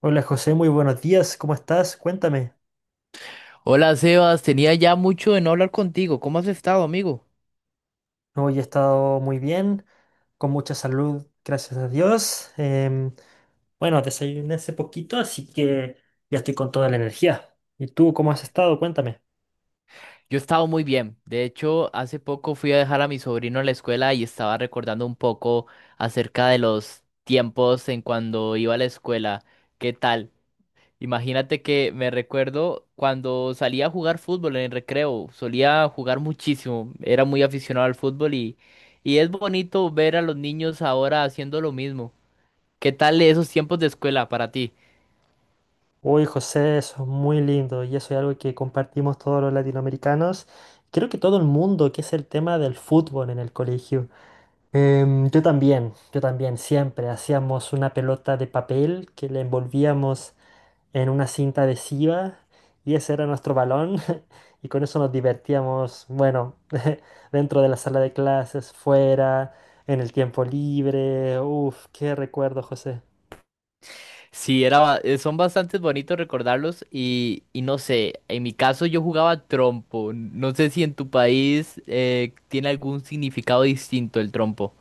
Hola José, muy buenos días, ¿cómo estás? Cuéntame. Hola Sebas, tenía ya mucho de no hablar contigo. ¿Cómo has estado, amigo? Hoy he estado muy bien, con mucha salud, gracias a Dios. Bueno, desayuné hace poquito, así que ya estoy con toda la energía. ¿Y tú cómo has estado? Cuéntame. Yo he estado muy bien. De hecho, hace poco fui a dejar a mi sobrino a la escuela y estaba recordando un poco acerca de los tiempos en cuando iba a la escuela. ¿Qué tal? Imagínate que me recuerdo cuando salía a jugar fútbol en el recreo. Solía jugar muchísimo. Era muy aficionado al fútbol y es bonito ver a los niños ahora haciendo lo mismo. ¿Qué tal esos tiempos de escuela para ti? Uy, José, eso es muy lindo y eso es algo que compartimos todos los latinoamericanos. Creo que todo el mundo, que es el tema del fútbol en el colegio. Yo también, siempre hacíamos una pelota de papel que le envolvíamos en una cinta adhesiva y ese era nuestro balón y con eso nos divertíamos, bueno, dentro de la sala de clases, fuera, en el tiempo libre. Uf, qué recuerdo, José. Sí, son bastante bonitos recordarlos y no sé, en mi caso yo jugaba trompo. No sé si en tu país tiene algún significado distinto el trompo.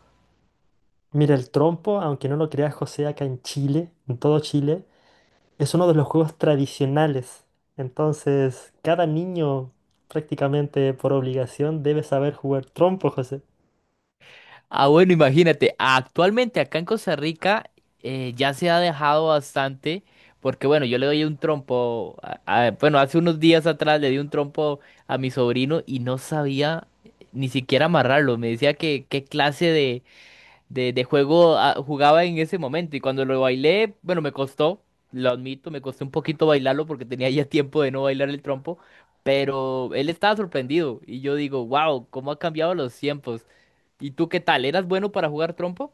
Mira, el trompo, aunque no lo creas, José, acá en Chile, en todo Chile, es uno de los juegos tradicionales. Entonces, cada niño prácticamente por obligación debe saber jugar trompo, José. Ah, bueno, imagínate, actualmente acá en Costa Rica ya se ha dejado bastante porque bueno, yo le doy un trompo, bueno, hace unos días atrás le di un trompo a mi sobrino y no sabía ni siquiera amarrarlo. Me decía que qué clase de juego ah, jugaba en ese momento y cuando lo bailé, bueno, me costó, lo admito, me costó un poquito bailarlo porque tenía ya tiempo de no bailar el trompo, pero él estaba sorprendido y yo digo, wow, cómo ha cambiado los tiempos. ¿Y tú qué tal? ¿Eras bueno para jugar trompo?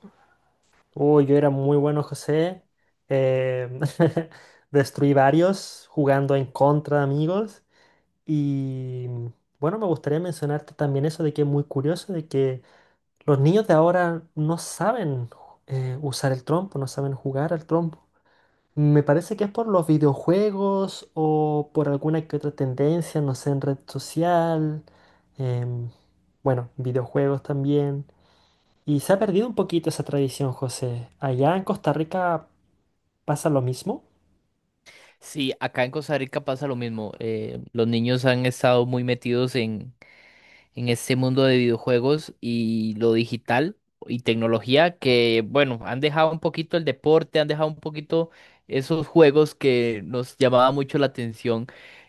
Uy, yo era muy bueno, José. em, Destruí varios jugando en contra de amigos. Y mm, bueno, me gustaría mencionarte también eso de que es muy curioso, de que los niños de ahora no saben usar el trompo, no saben jugar al trompo. Me parece que es por los videojuegos o por alguna que otra tendencia, no sé, en red social. em, bueno, videojuegos también. Y se ha perdido un poquito esa tradición, José. ¿Allá en Costa Rica pasa lo mismo? Sí, acá en Costa Rica pasa lo mismo. Los niños han estado muy metidos en este mundo de videojuegos y lo digital y tecnología que, bueno, han dejado un poquito el deporte, han dejado un poquito esos juegos que nos llamaba mucho la atención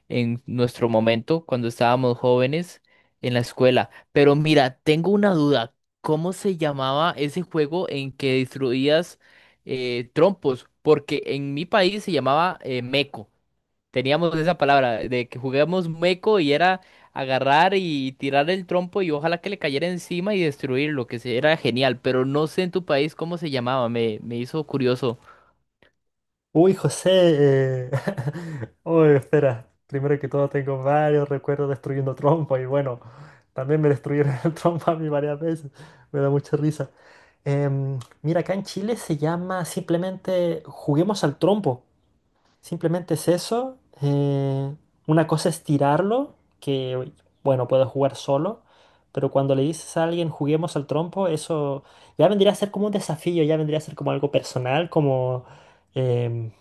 en nuestro momento cuando estábamos jóvenes en la escuela. Pero mira, tengo una duda. ¿Cómo se llamaba ese juego en que destruías trompos? Porque en mi país se llamaba Meco. Teníamos esa palabra de que juguemos meco y era agarrar y tirar el trompo y ojalá que le cayera encima y destruirlo, era genial, pero no sé en tu país cómo se llamaba, me hizo curioso. Uy, José. eh, Uy, espera. Primero que todo, tengo varios recuerdos destruyendo trompo y bueno, también me destruyeron el trompo a mí varias veces. Me da mucha risa. Mira, acá en Chile se llama simplemente juguemos al trompo. Simplemente es eso. Una cosa es tirarlo, que bueno, puedo jugar solo, pero cuando le dices a alguien juguemos al trompo, eso ya vendría a ser como un desafío, ya vendría a ser como algo personal, como em,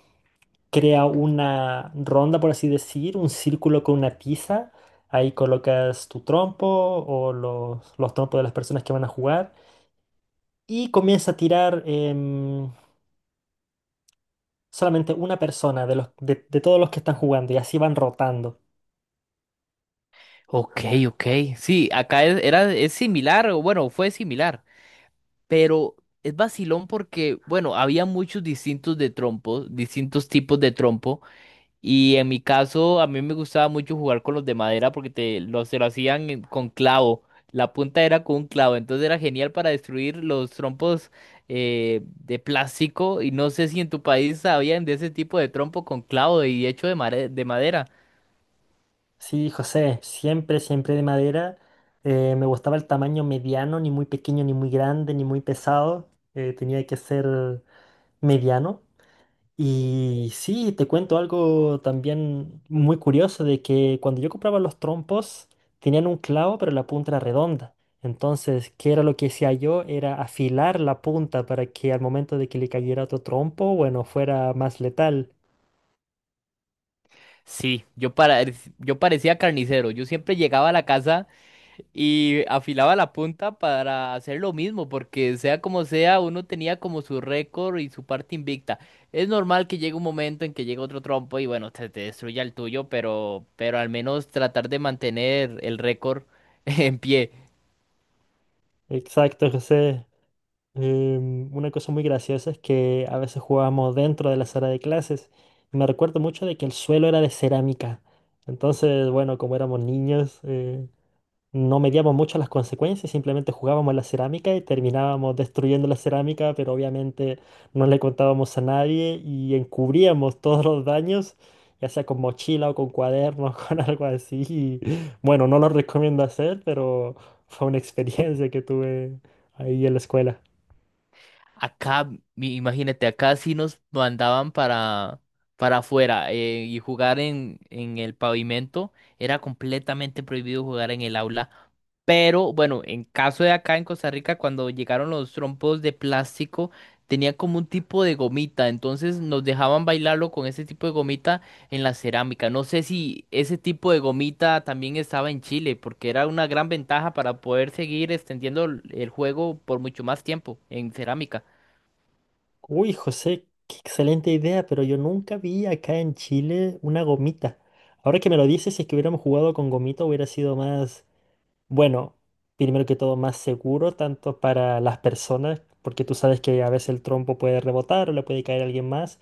crea una ronda, por así decir, un círculo con una tiza. Ahí colocas tu trompo o los trompos de las personas que van a jugar y comienza a tirar em, solamente una persona de todos los que están jugando y así van rotando. Ok, ok, sí, es similar, o bueno, fue similar, pero es vacilón porque, bueno, había muchos distintos de trompos, distintos tipos de trompo. Y en mi caso, a mí me gustaba mucho jugar con los de madera porque se lo hacían con clavo. La punta era con un clavo, entonces era genial para destruir los trompos de plástico. Y no sé si en tu país sabían de ese tipo de trompo con clavo y hecho de, de madera. Sí, José, siempre, siempre de madera. Me gustaba el tamaño mediano, ni muy pequeño, ni muy grande, ni muy pesado. Tenía que ser mediano. Y sí, te cuento algo también muy curioso de que cuando yo compraba los trompos, tenían un clavo, pero la punta era redonda. Entonces, ¿qué era lo que hacía yo? Era afilar la punta para que al momento de que le cayera otro trompo, bueno, fuera más letal. Sí, yo parecía carnicero. Yo siempre llegaba a la casa. Y afilaba la punta para hacer lo mismo, porque sea como sea, uno tenía como su récord y su parte invicta. Es normal que llegue un momento en que llegue otro trompo y bueno, te destruya el tuyo, pero al menos tratar de mantener el récord en pie. Exacto, José. Una cosa muy graciosa es que a veces jugábamos dentro de la sala de clases. Me recuerdo mucho de que el suelo era de cerámica. Entonces, bueno, como éramos niños, no medíamos mucho las consecuencias, simplemente jugábamos la cerámica y terminábamos destruyendo la cerámica, pero obviamente no le contábamos a nadie y encubríamos todos los daños, ya sea con mochila o con cuadernos, con algo así. Y, bueno, no lo recomiendo hacer, pero fue una experiencia que tuve ahí en la escuela. Acá, imagínate, acá sí nos mandaban para afuera y jugar en el pavimento. Era completamente prohibido jugar en el aula. Pero bueno, en caso de acá en Costa Rica, cuando llegaron los trompos de plástico, tenía como un tipo de gomita, entonces nos dejaban bailarlo con ese tipo de gomita en la cerámica. No sé si ese tipo de gomita también estaba en Chile, porque era una gran ventaja para poder seguir extendiendo el juego por mucho más tiempo en cerámica. Uy, José, qué excelente idea, pero yo nunca vi acá en Chile una gomita. Ahora que me lo dices, si es que hubiéramos jugado con gomita hubiera sido más, bueno, primero que todo más seguro, tanto para las personas, porque tú sabes que a veces el trompo puede rebotar o le puede caer a alguien más,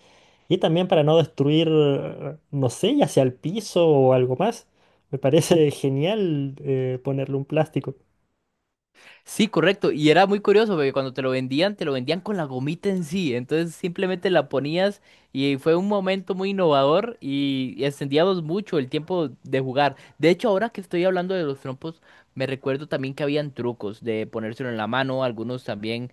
y también para no destruir, no sé, ya sea el piso o algo más. Me parece genial ponerle un plástico. Sí, correcto. Y era muy curioso porque cuando te lo vendían con la gomita en sí. Entonces simplemente la ponías y fue un momento muy innovador y extendíamos mucho el tiempo de jugar. De hecho, ahora que estoy hablando de los trompos, me recuerdo también que habían trucos de ponérselo en la mano. Algunos también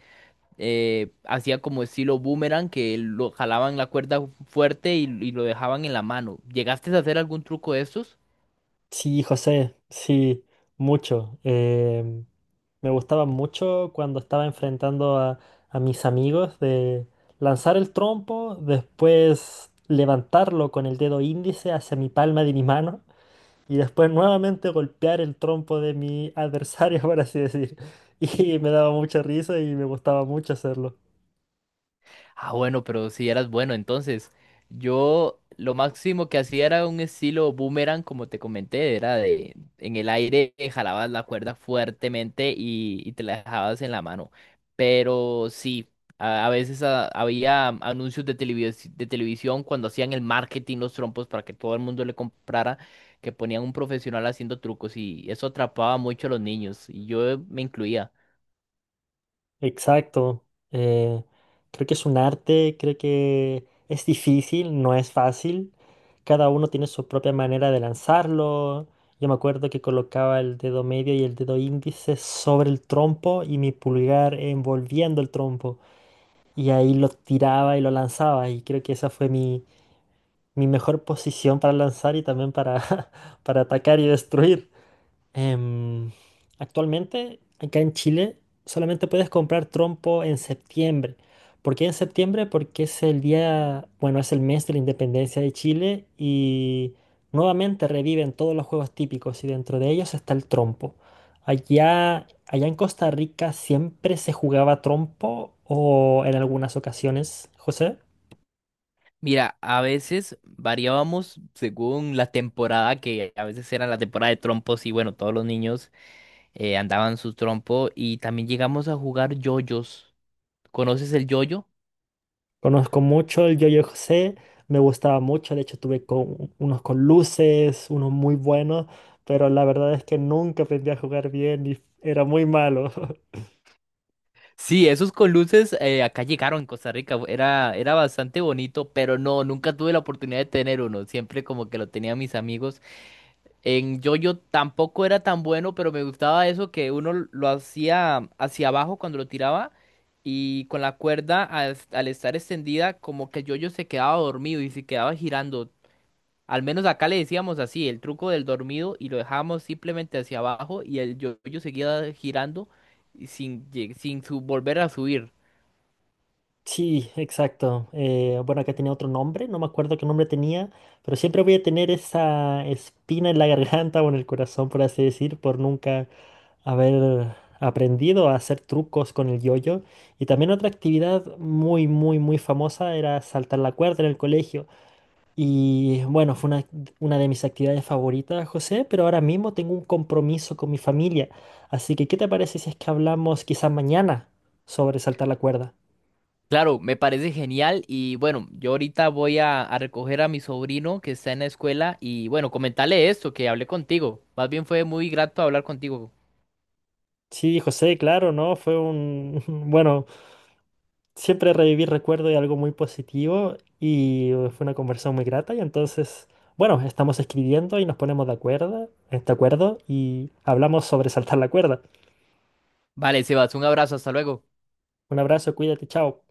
hacían como estilo boomerang que lo jalaban la cuerda fuerte y lo dejaban en la mano. ¿Llegaste a hacer algún truco de estos? Sí, José, sí, mucho. Me gustaba mucho cuando estaba enfrentando a mis amigos de lanzar el trompo, después levantarlo con el dedo índice hacia mi palma de mi mano y después nuevamente golpear el trompo de mi adversario, por así decir. Y me daba mucha risa y me gustaba mucho hacerlo. Ah, bueno, pero si eras bueno, entonces yo lo máximo que hacía era un estilo boomerang, como te comenté, era de en el aire jalabas la cuerda fuertemente y te la dejabas en la mano. Pero sí, a veces ah, había anuncios de de televisión cuando hacían el marketing, los trompos, para que todo el mundo le comprara, que ponían un profesional haciendo trucos y eso atrapaba mucho a los niños y yo me incluía. Exacto. eh, Creo que es un arte, creo que es difícil, no es fácil. Cada uno tiene su propia manera de lanzarlo. Yo me acuerdo que colocaba el dedo medio y el dedo índice sobre el trompo y mi pulgar envolviendo el trompo. Y ahí lo tiraba y lo lanzaba. Y creo que esa fue mi mejor posición para lanzar y también para, para atacar y destruir. Em, Actualmente, acá en Chile, solamente puedes comprar trompo en septiembre. ¿Por qué en septiembre? Porque es el día, bueno, es el mes de la independencia de Chile y nuevamente reviven todos los juegos típicos y dentro de ellos está el trompo. Allá en Costa Rica siempre se jugaba trompo o en algunas ocasiones, José. Mira, a veces variábamos según la temporada, que a veces era la temporada de trompos y bueno, todos los niños andaban su trompo y también llegamos a jugar yoyos. ¿Conoces el yoyo? Conozco mucho el yo-yo José, me gustaba mucho, de hecho tuve con, unos con luces, unos muy buenos, pero la verdad es que nunca aprendí a jugar bien y era muy malo. Sí, esos con luces acá llegaron en Costa Rica, era bastante bonito, pero no, nunca tuve la oportunidad de tener uno, siempre como que lo tenían mis amigos. En yo tampoco era tan bueno, pero me gustaba eso que uno lo hacía hacia abajo cuando lo tiraba y con la cuerda al estar extendida como que el yo se quedaba dormido y se quedaba girando. Al menos acá le decíamos así, el truco del dormido y lo dejábamos simplemente hacia abajo y el yo seguía girando y sin, lleg- sin su- volver a subir. Sí, exacto. Bueno, que tenía otro nombre, no me acuerdo qué nombre tenía, pero siempre voy a tener esa espina en la garganta o en el corazón, por así decir, por nunca haber aprendido a hacer trucos con el yo-yo. Y también otra actividad muy, muy, muy famosa era saltar la cuerda en el colegio. Y bueno, una de mis actividades favoritas, José, pero ahora mismo tengo un compromiso con mi familia. Así que, ¿qué te parece si es que hablamos quizás mañana sobre saltar la cuerda? Claro, me parece genial y bueno, yo ahorita voy a recoger a mi sobrino que está en la escuela y bueno, comentarle esto, que hablé contigo. Más bien fue muy grato hablar contigo. Sí, José, claro, ¿no? Fue un... Bueno, siempre revivir recuerdo de algo muy positivo y fue una conversación muy grata y entonces, bueno, estamos escribiendo y nos ponemos de acuerdo y hablamos sobre saltar la cuerda. Vale, Sebas, un abrazo, hasta luego. Un abrazo, cuídate, chao.